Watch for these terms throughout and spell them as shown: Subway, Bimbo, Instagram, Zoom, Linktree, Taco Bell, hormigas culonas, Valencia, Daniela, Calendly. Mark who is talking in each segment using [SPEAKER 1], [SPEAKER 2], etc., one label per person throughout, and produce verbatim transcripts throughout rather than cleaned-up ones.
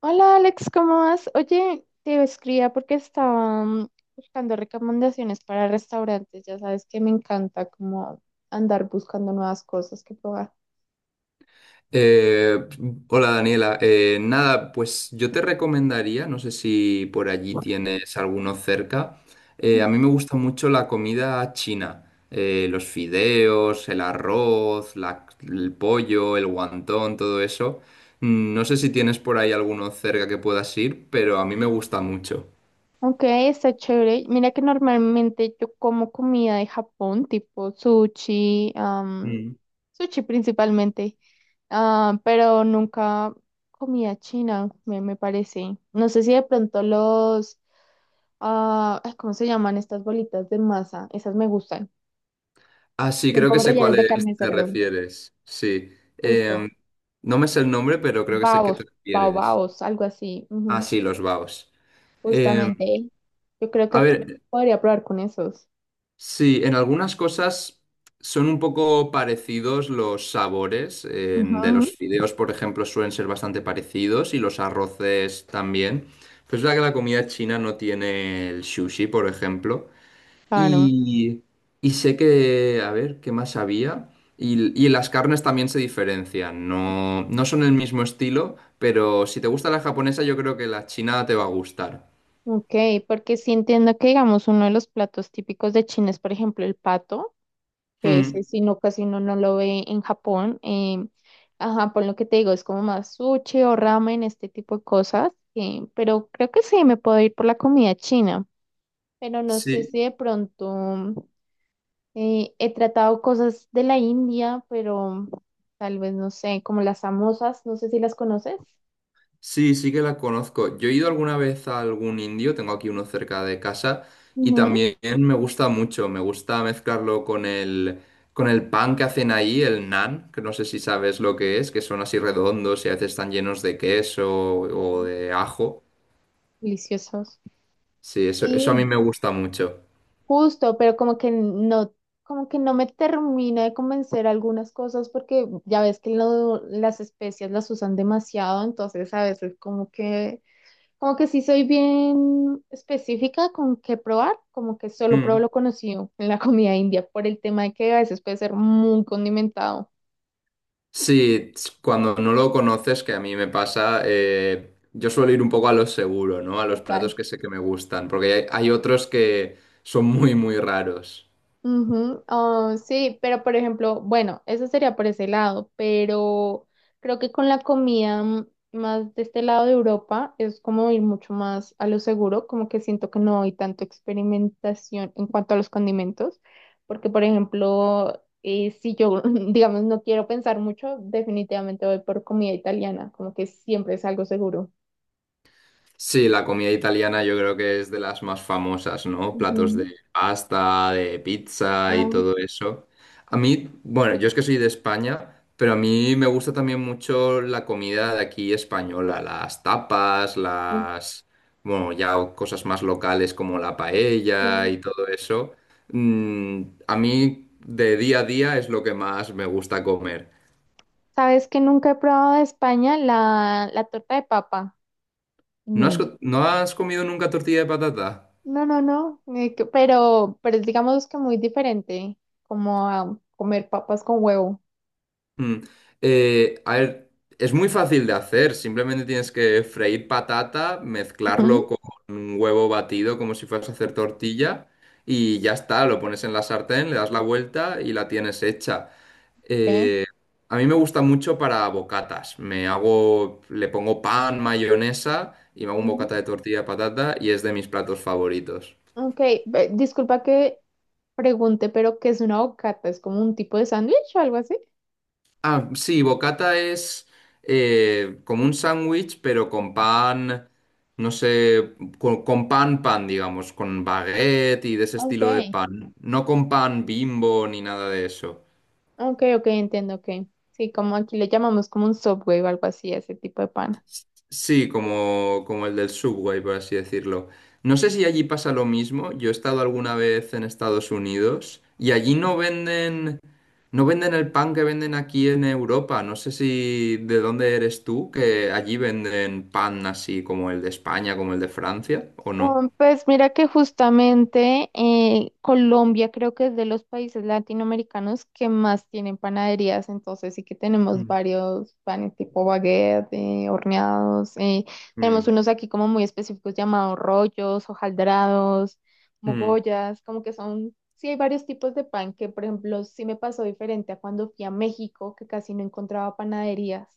[SPEAKER 1] Hola Alex, ¿cómo vas? Oye, te escribía porque estaba mm, buscando recomendaciones para restaurantes. Ya sabes que me encanta como andar buscando nuevas cosas que probar.
[SPEAKER 2] Eh, hola Daniela. Eh, nada, pues yo te recomendaría, no sé si por allí tienes alguno cerca. Eh,
[SPEAKER 1] Mm.
[SPEAKER 2] a mí me gusta mucho la comida china. Eh, los fideos, el arroz, la- el pollo, el guantón, todo eso. Mm, No sé si tienes por ahí alguno cerca que puedas ir, pero a mí me gusta mucho.
[SPEAKER 1] Ok, está chévere. Mira que normalmente yo como comida de Japón, tipo sushi, am,
[SPEAKER 2] Mm.
[SPEAKER 1] sushi principalmente, ah, pero nunca comida china, me, me parece. No sé si de pronto los, ah, ay, ¿cómo se llaman estas bolitas de masa? Esas me gustan.
[SPEAKER 2] Ah, sí,
[SPEAKER 1] Son
[SPEAKER 2] creo que
[SPEAKER 1] como
[SPEAKER 2] sé
[SPEAKER 1] rellenos
[SPEAKER 2] cuál
[SPEAKER 1] de
[SPEAKER 2] es,
[SPEAKER 1] carne de
[SPEAKER 2] te
[SPEAKER 1] cerdo.
[SPEAKER 2] refieres, sí. Em,
[SPEAKER 1] Justo.
[SPEAKER 2] no me sé el nombre, pero creo que sé qué
[SPEAKER 1] Babos,
[SPEAKER 2] te refieres.
[SPEAKER 1] baobabos, algo así.
[SPEAKER 2] Ah,
[SPEAKER 1] Ujú.
[SPEAKER 2] sí, los baos. Eh,
[SPEAKER 1] Justamente. Yo creo
[SPEAKER 2] a
[SPEAKER 1] que
[SPEAKER 2] ver,
[SPEAKER 1] podría probar con esos.
[SPEAKER 2] sí, en algunas cosas son un poco parecidos los sabores, en- de
[SPEAKER 1] Ujú.
[SPEAKER 2] los fideos, por ejemplo, suelen ser bastante parecidos y los arroces también. Pero es verdad que la comida china no tiene el sushi, por ejemplo.
[SPEAKER 1] Claro.
[SPEAKER 2] Y, y sé que, a ver, ¿qué más había? Y, y las carnes también se diferencian. No, no son el mismo estilo, pero si te gusta la japonesa, yo creo que la china te va a gustar.
[SPEAKER 1] Ok, porque sí entiendo que, digamos, uno de los platos típicos de China es, por ejemplo, el pato, que ese
[SPEAKER 2] Hmm,
[SPEAKER 1] si no casi uno no lo ve en Japón. Eh, ajá, por lo que te digo, es como más sushi o ramen, este tipo de cosas. Eh, pero creo que sí, me puedo ir por la comida china. Pero no sé
[SPEAKER 2] sí.
[SPEAKER 1] si de pronto. Eh, he tratado cosas de la India, pero tal vez no sé, como las samosas, no sé si las conoces.
[SPEAKER 2] Sí, sí que la conozco. Yo he ido alguna vez a algún indio, tengo aquí uno cerca de casa, y
[SPEAKER 1] Ujú.
[SPEAKER 2] también me gusta mucho, me gusta mezclarlo con el, con el pan que hacen ahí, el naan, que no sé si sabes lo que es, que son así redondos y a veces están llenos de queso o
[SPEAKER 1] Ok.
[SPEAKER 2] de ajo.
[SPEAKER 1] Deliciosos.
[SPEAKER 2] Sí, eso, eso a mí
[SPEAKER 1] Sí,
[SPEAKER 2] me gusta mucho.
[SPEAKER 1] justo, pero como que no, como que no me termina de convencer algunas cosas porque ya ves que lo- las especias las usan demasiado, entonces a veces como que, como que sí soy bien específica con qué probar, como que solo
[SPEAKER 2] Mm.
[SPEAKER 1] pruebo lo conocido en la comida india por el tema de que a veces puede ser muy condimentado.
[SPEAKER 2] Sí, ts- cuando no lo conoces, que a mí me pasa, eh, yo suelo ir un poco a lo seguro, ¿no? A los
[SPEAKER 1] Total.
[SPEAKER 2] platos que sé que me gustan, porque hay hay otros que son muy, muy raros.
[SPEAKER 1] Ujú, ah, sí, pero por ejemplo, bueno, eso sería por ese lado, pero creo que con la comida mm, más de este lado de Europa es como ir mucho más a lo seguro, como que siento que no hay tanto experimentación en cuanto a los condimentos, porque por ejemplo, eh, si yo, digamos, no quiero pensar mucho, definitivamente voy por comida italiana, como que siempre es algo seguro.
[SPEAKER 2] Sí, la comida italiana yo creo que es de las más famosas, ¿no? Platos
[SPEAKER 1] Ujú.
[SPEAKER 2] de pasta, de pizza y
[SPEAKER 1] Ah,
[SPEAKER 2] todo eso. A mí, bueno, yo es que soy de España, pero a mí me gusta también mucho la comida de aquí española, las tapas, las, bueno, ya cosas más locales como la paella
[SPEAKER 1] ok.
[SPEAKER 2] y todo eso. Mm, a mí de día a día es lo que más me gusta comer.
[SPEAKER 1] ¿Sabes que nunca he probado de España la, la torta de papa?
[SPEAKER 2] ¿No has,
[SPEAKER 1] No.
[SPEAKER 2] co- no has comido nunca tortilla de patata?
[SPEAKER 1] No, no, no, eh, que- pero, pero es, digamos que muy diferente, como a comer papas con huevo.
[SPEAKER 2] Mm. Eh, a ver, es muy fácil de hacer, simplemente tienes que freír patata, mezclarlo
[SPEAKER 1] Ujú,
[SPEAKER 2] con un huevo batido como si fueras a hacer tortilla y ya está, lo pones en la sartén, le das la vuelta y la tienes hecha.
[SPEAKER 1] ok.
[SPEAKER 2] Eh, a mí me gusta mucho para bocatas, me hago, le pongo pan, mayonesa y me hago un
[SPEAKER 1] Ujú.
[SPEAKER 2] bocata de tortilla de patata y es de mis platos favoritos.
[SPEAKER 1] Ok, ve- disculpa que pregunte, pero ¿qué es una bocata? ¿Es como un tipo de sándwich o algo así?
[SPEAKER 2] Ah, sí, bocata es eh, como un sándwich, pero con pan, no sé, con, con pan, pan, digamos, con baguette y de ese
[SPEAKER 1] Ok.
[SPEAKER 2] estilo de pan. No con pan Bimbo ni nada de eso.
[SPEAKER 1] Ok, ok, entiendo, ok. Sí, como aquí le llamamos como un Subway o algo así, ese tipo de pan.
[SPEAKER 2] Sí, como, como el del Subway, por así decirlo. No sé si allí pasa lo mismo. Yo he estado alguna vez en Estados Unidos y allí no venden, no venden el pan que venden aquí en Europa. No sé si de dónde eres tú, que allí venden pan así como el de España, como el de Francia, o no.
[SPEAKER 1] Um, Pues mira que justamente eh, Colombia creo que es de los países latinoamericanos que más tienen panaderías, entonces sí que tenemos
[SPEAKER 2] Mm.
[SPEAKER 1] varios panes tipo baguette, eh, horneados, eh, tenemos
[SPEAKER 2] Mm.
[SPEAKER 1] unos aquí como muy específicos llamados rollos, hojaldrados,
[SPEAKER 2] Mm.
[SPEAKER 1] mogollas, como que son, sí hay varios tipos de pan que por ejemplo sí me pasó diferente a cuando fui a México que casi no encontraba panaderías.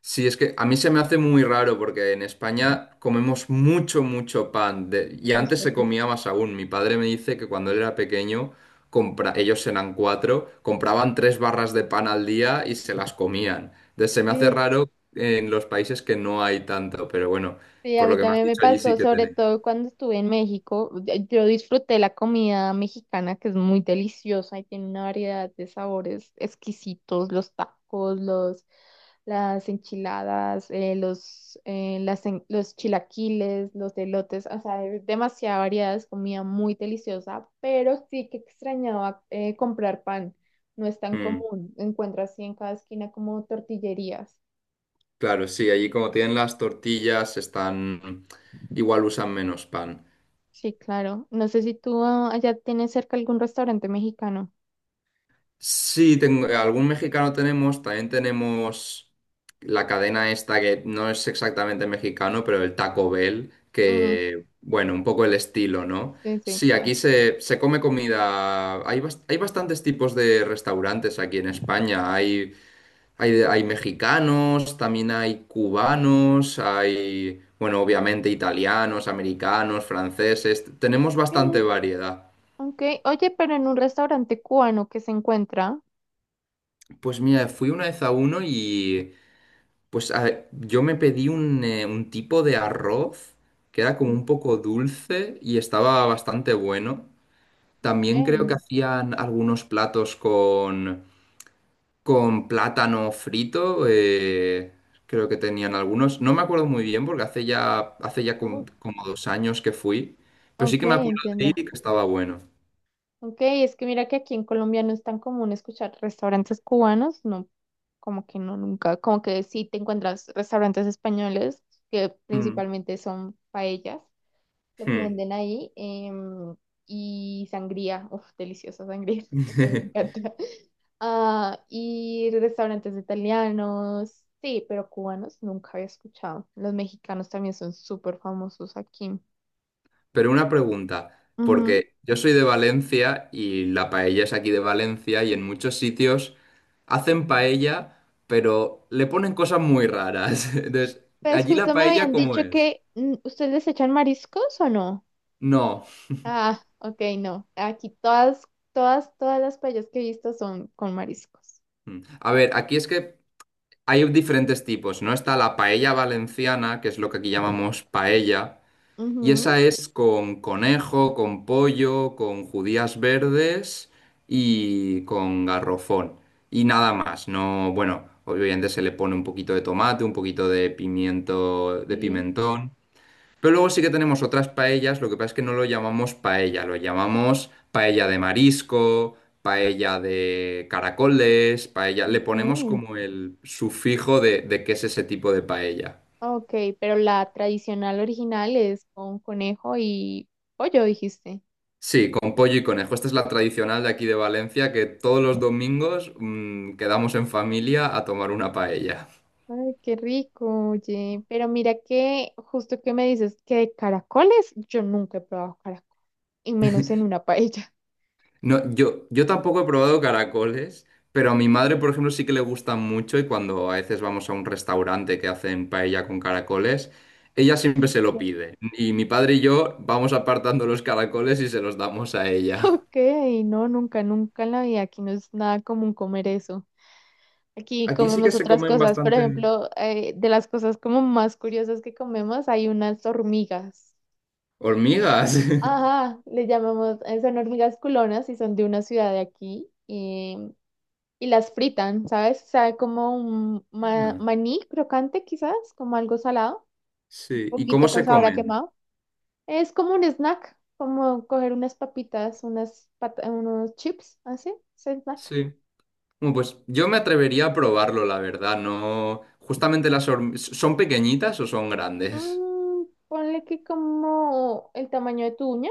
[SPEAKER 2] Sí, es que a mí se me hace muy raro porque en España comemos mucho, mucho pan. de- Y
[SPEAKER 1] O
[SPEAKER 2] antes
[SPEAKER 1] sea
[SPEAKER 2] se
[SPEAKER 1] que-
[SPEAKER 2] comía más aún. Mi padre me dice que cuando él era pequeño, compra... ellos eran cuatro, compraban tres barras de pan al día y se las comían. Entonces se me hace
[SPEAKER 1] Sí.
[SPEAKER 2] raro en los países que no hay tanto, pero bueno,
[SPEAKER 1] Sí, a
[SPEAKER 2] por lo
[SPEAKER 1] mí
[SPEAKER 2] que me has
[SPEAKER 1] también me
[SPEAKER 2] dicho, allí sí
[SPEAKER 1] pasó,
[SPEAKER 2] que
[SPEAKER 1] sobre
[SPEAKER 2] tenéis.
[SPEAKER 1] todo cuando estuve en México. de- Yo disfruté la comida mexicana, que es muy deliciosa y tiene una variedad de sabores exquisitos, los tacos, los, las enchiladas, eh, los, eh, las en- los chilaquiles, los elotes, o sea, hay demasiada variedad, es comida muy deliciosa, pero sí que extrañaba eh, comprar pan, no es tan
[SPEAKER 2] Mm,
[SPEAKER 1] común, encuentras así en cada esquina como tortillerías.
[SPEAKER 2] claro, sí, allí como tienen las tortillas, están... igual usan menos pan.
[SPEAKER 1] Sí, claro. No sé si tú ah, allá tienes cerca algún restaurante mexicano.
[SPEAKER 2] Sí, tengo, eh, algún mexicano tenemos, también tenemos la cadena esta que no es exactamente mexicano, pero el Taco Bell,
[SPEAKER 1] Mm,
[SPEAKER 2] que, bueno, un poco el estilo, ¿no?
[SPEAKER 1] sí, sí,
[SPEAKER 2] Sí, aquí
[SPEAKER 1] claro.
[SPEAKER 2] se, se come comida, hay, bas- hay bastantes tipos de restaurantes aquí en España, hay, hay, hay mexicanos, también hay cubanos, hay, bueno, obviamente italianos, americanos, franceses, tenemos bastante
[SPEAKER 1] Ok,
[SPEAKER 2] variedad.
[SPEAKER 1] ok. Oye, pero en un restaurante cubano que se encuentra.
[SPEAKER 2] Pues mira, fui una vez a uno y... Pues a- yo me pedí un, eh, un tipo de arroz que era como un poco dulce y estaba bastante bueno.
[SPEAKER 1] Ok.
[SPEAKER 2] También creo que hacían algunos platos con, con, plátano frito. Eh, creo que tenían algunos. No me acuerdo muy bien porque hace ya, hace ya
[SPEAKER 1] Uh,
[SPEAKER 2] como como, dos años que fui. Pero sí
[SPEAKER 1] ok,
[SPEAKER 2] que me acuerdo de ir
[SPEAKER 1] entiendo.
[SPEAKER 2] y que estaba bueno.
[SPEAKER 1] Ok, es que mira que aquí en Colombia no es tan común escuchar restaurantes cubanos, no, como que no, nunca, como que sí te encuentras restaurantes españoles que
[SPEAKER 2] Mm,
[SPEAKER 1] principalmente son paellas. Lo que
[SPEAKER 2] mm.
[SPEAKER 1] venden ahí. Em, y sangría, uff, deliciosa sangría, a mí me encanta. Ah, y restaurantes italianos, sí, pero cubanos nunca había escuchado. Los mexicanos también son súper famosos aquí.
[SPEAKER 2] Pero una pregunta,
[SPEAKER 1] Ujú.
[SPEAKER 2] porque yo soy de Valencia y la paella es aquí de Valencia y en muchos sitios hacen paella, pero le ponen cosas muy raras. Entonces,
[SPEAKER 1] Pues
[SPEAKER 2] ¿allí la
[SPEAKER 1] justo me
[SPEAKER 2] paella
[SPEAKER 1] habían
[SPEAKER 2] cómo
[SPEAKER 1] dicho
[SPEAKER 2] es?
[SPEAKER 1] que mm, ustedes les echan mariscos o no.
[SPEAKER 2] No.
[SPEAKER 1] Ah, ok, no. Aquí todas, todas, todas las playas que he visto son con mariscos.
[SPEAKER 2] Mm. A ver, aquí es que hay diferentes tipos, ¿no? Está la paella valenciana, que es lo que aquí llamamos paella. Y
[SPEAKER 1] Ujú,
[SPEAKER 2] esa es con conejo, con pollo, con judías verdes y con garrofón. Y nada más, no, bueno, obviamente se le pone un poquito de tomate, un poquito de pimiento, de
[SPEAKER 1] sí.
[SPEAKER 2] pimentón. Pero luego sí que tenemos otras paellas, lo que pasa es que no lo llamamos paella, lo llamamos paella de marisco, paella de caracoles, paella. Le ponemos
[SPEAKER 1] Ok.
[SPEAKER 2] como el sufijo de, de qué es ese tipo de paella.
[SPEAKER 1] Ok, pero la tradicional original es con conejo y pollo, dijiste.
[SPEAKER 2] Sí, con pollo y conejo. Esta es la tradicional de aquí de Valencia, que todos los domingos mm, quedamos en familia a tomar una paella.
[SPEAKER 1] Ay, qué rico, oye. Pero mira que justo que me dices que de caracoles, yo nunca he probado caracol, y menos en una paella.
[SPEAKER 2] No, yo, yo, tampoco he probado caracoles, pero a mi
[SPEAKER 1] Mm,
[SPEAKER 2] madre, por ejemplo, sí que le gustan mucho y cuando a veces vamos a un restaurante que hacen paella con caracoles, ella siempre se lo
[SPEAKER 1] pero-
[SPEAKER 2] pide. Y mi padre y yo vamos apartando los caracoles y se los damos a ella.
[SPEAKER 1] Ok, no, nunca, nunca en la vida. Aquí no es nada común comer eso. Aquí
[SPEAKER 2] Aquí sí que
[SPEAKER 1] comemos
[SPEAKER 2] se
[SPEAKER 1] otras
[SPEAKER 2] comen
[SPEAKER 1] cosas. Por
[SPEAKER 2] bastante
[SPEAKER 1] ejemplo, eh, de las cosas como más curiosas que comemos, hay unas hormigas.
[SPEAKER 2] hormigas.
[SPEAKER 1] Ajá, le llamamos, eh, son hormigas culonas y son de una ciudad de aquí eh, y, las fritan, ¿sabes? Sabe como un ma-
[SPEAKER 2] Ah,
[SPEAKER 1] maní crocante quizás, como algo salado, un
[SPEAKER 2] sí. ¿Y cómo
[SPEAKER 1] poquito con
[SPEAKER 2] se
[SPEAKER 1] sabor a
[SPEAKER 2] comen?
[SPEAKER 1] quemado. Es como un snack, como coger unas papitas, unas pat- unos chips, así, es snack.
[SPEAKER 2] Sí. Bueno, pues yo me atrevería a probarlo, la verdad, no. Justamente las horm- ¿son pequeñitas o son grandes?
[SPEAKER 1] Mm, ponle que como el tamaño de tu uña,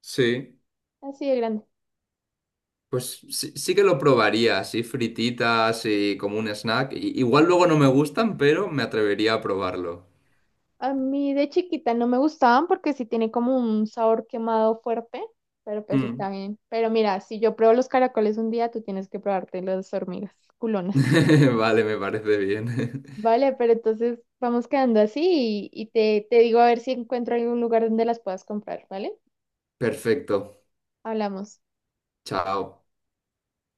[SPEAKER 2] Sí.
[SPEAKER 1] así de grande.
[SPEAKER 2] Pues sí, sí que lo probaría, así frititas y como un snack. I- igual luego no me gustan, pero me atrevería a probarlo.
[SPEAKER 1] A mí de chiquita no me gustaban porque sí tiene como un sabor quemado fuerte, pero pues
[SPEAKER 2] Mm.
[SPEAKER 1] está bien. Pero mira, si yo pruebo los caracoles un día, tú tienes que probarte las hormigas culonas.
[SPEAKER 2] Vale, me parece bien.
[SPEAKER 1] Vale, pero entonces vamos quedando así y, y te, te digo a ver si encuentro algún lugar donde las puedas comprar, ¿vale?
[SPEAKER 2] Perfecto.
[SPEAKER 1] Hablamos.
[SPEAKER 2] Chao.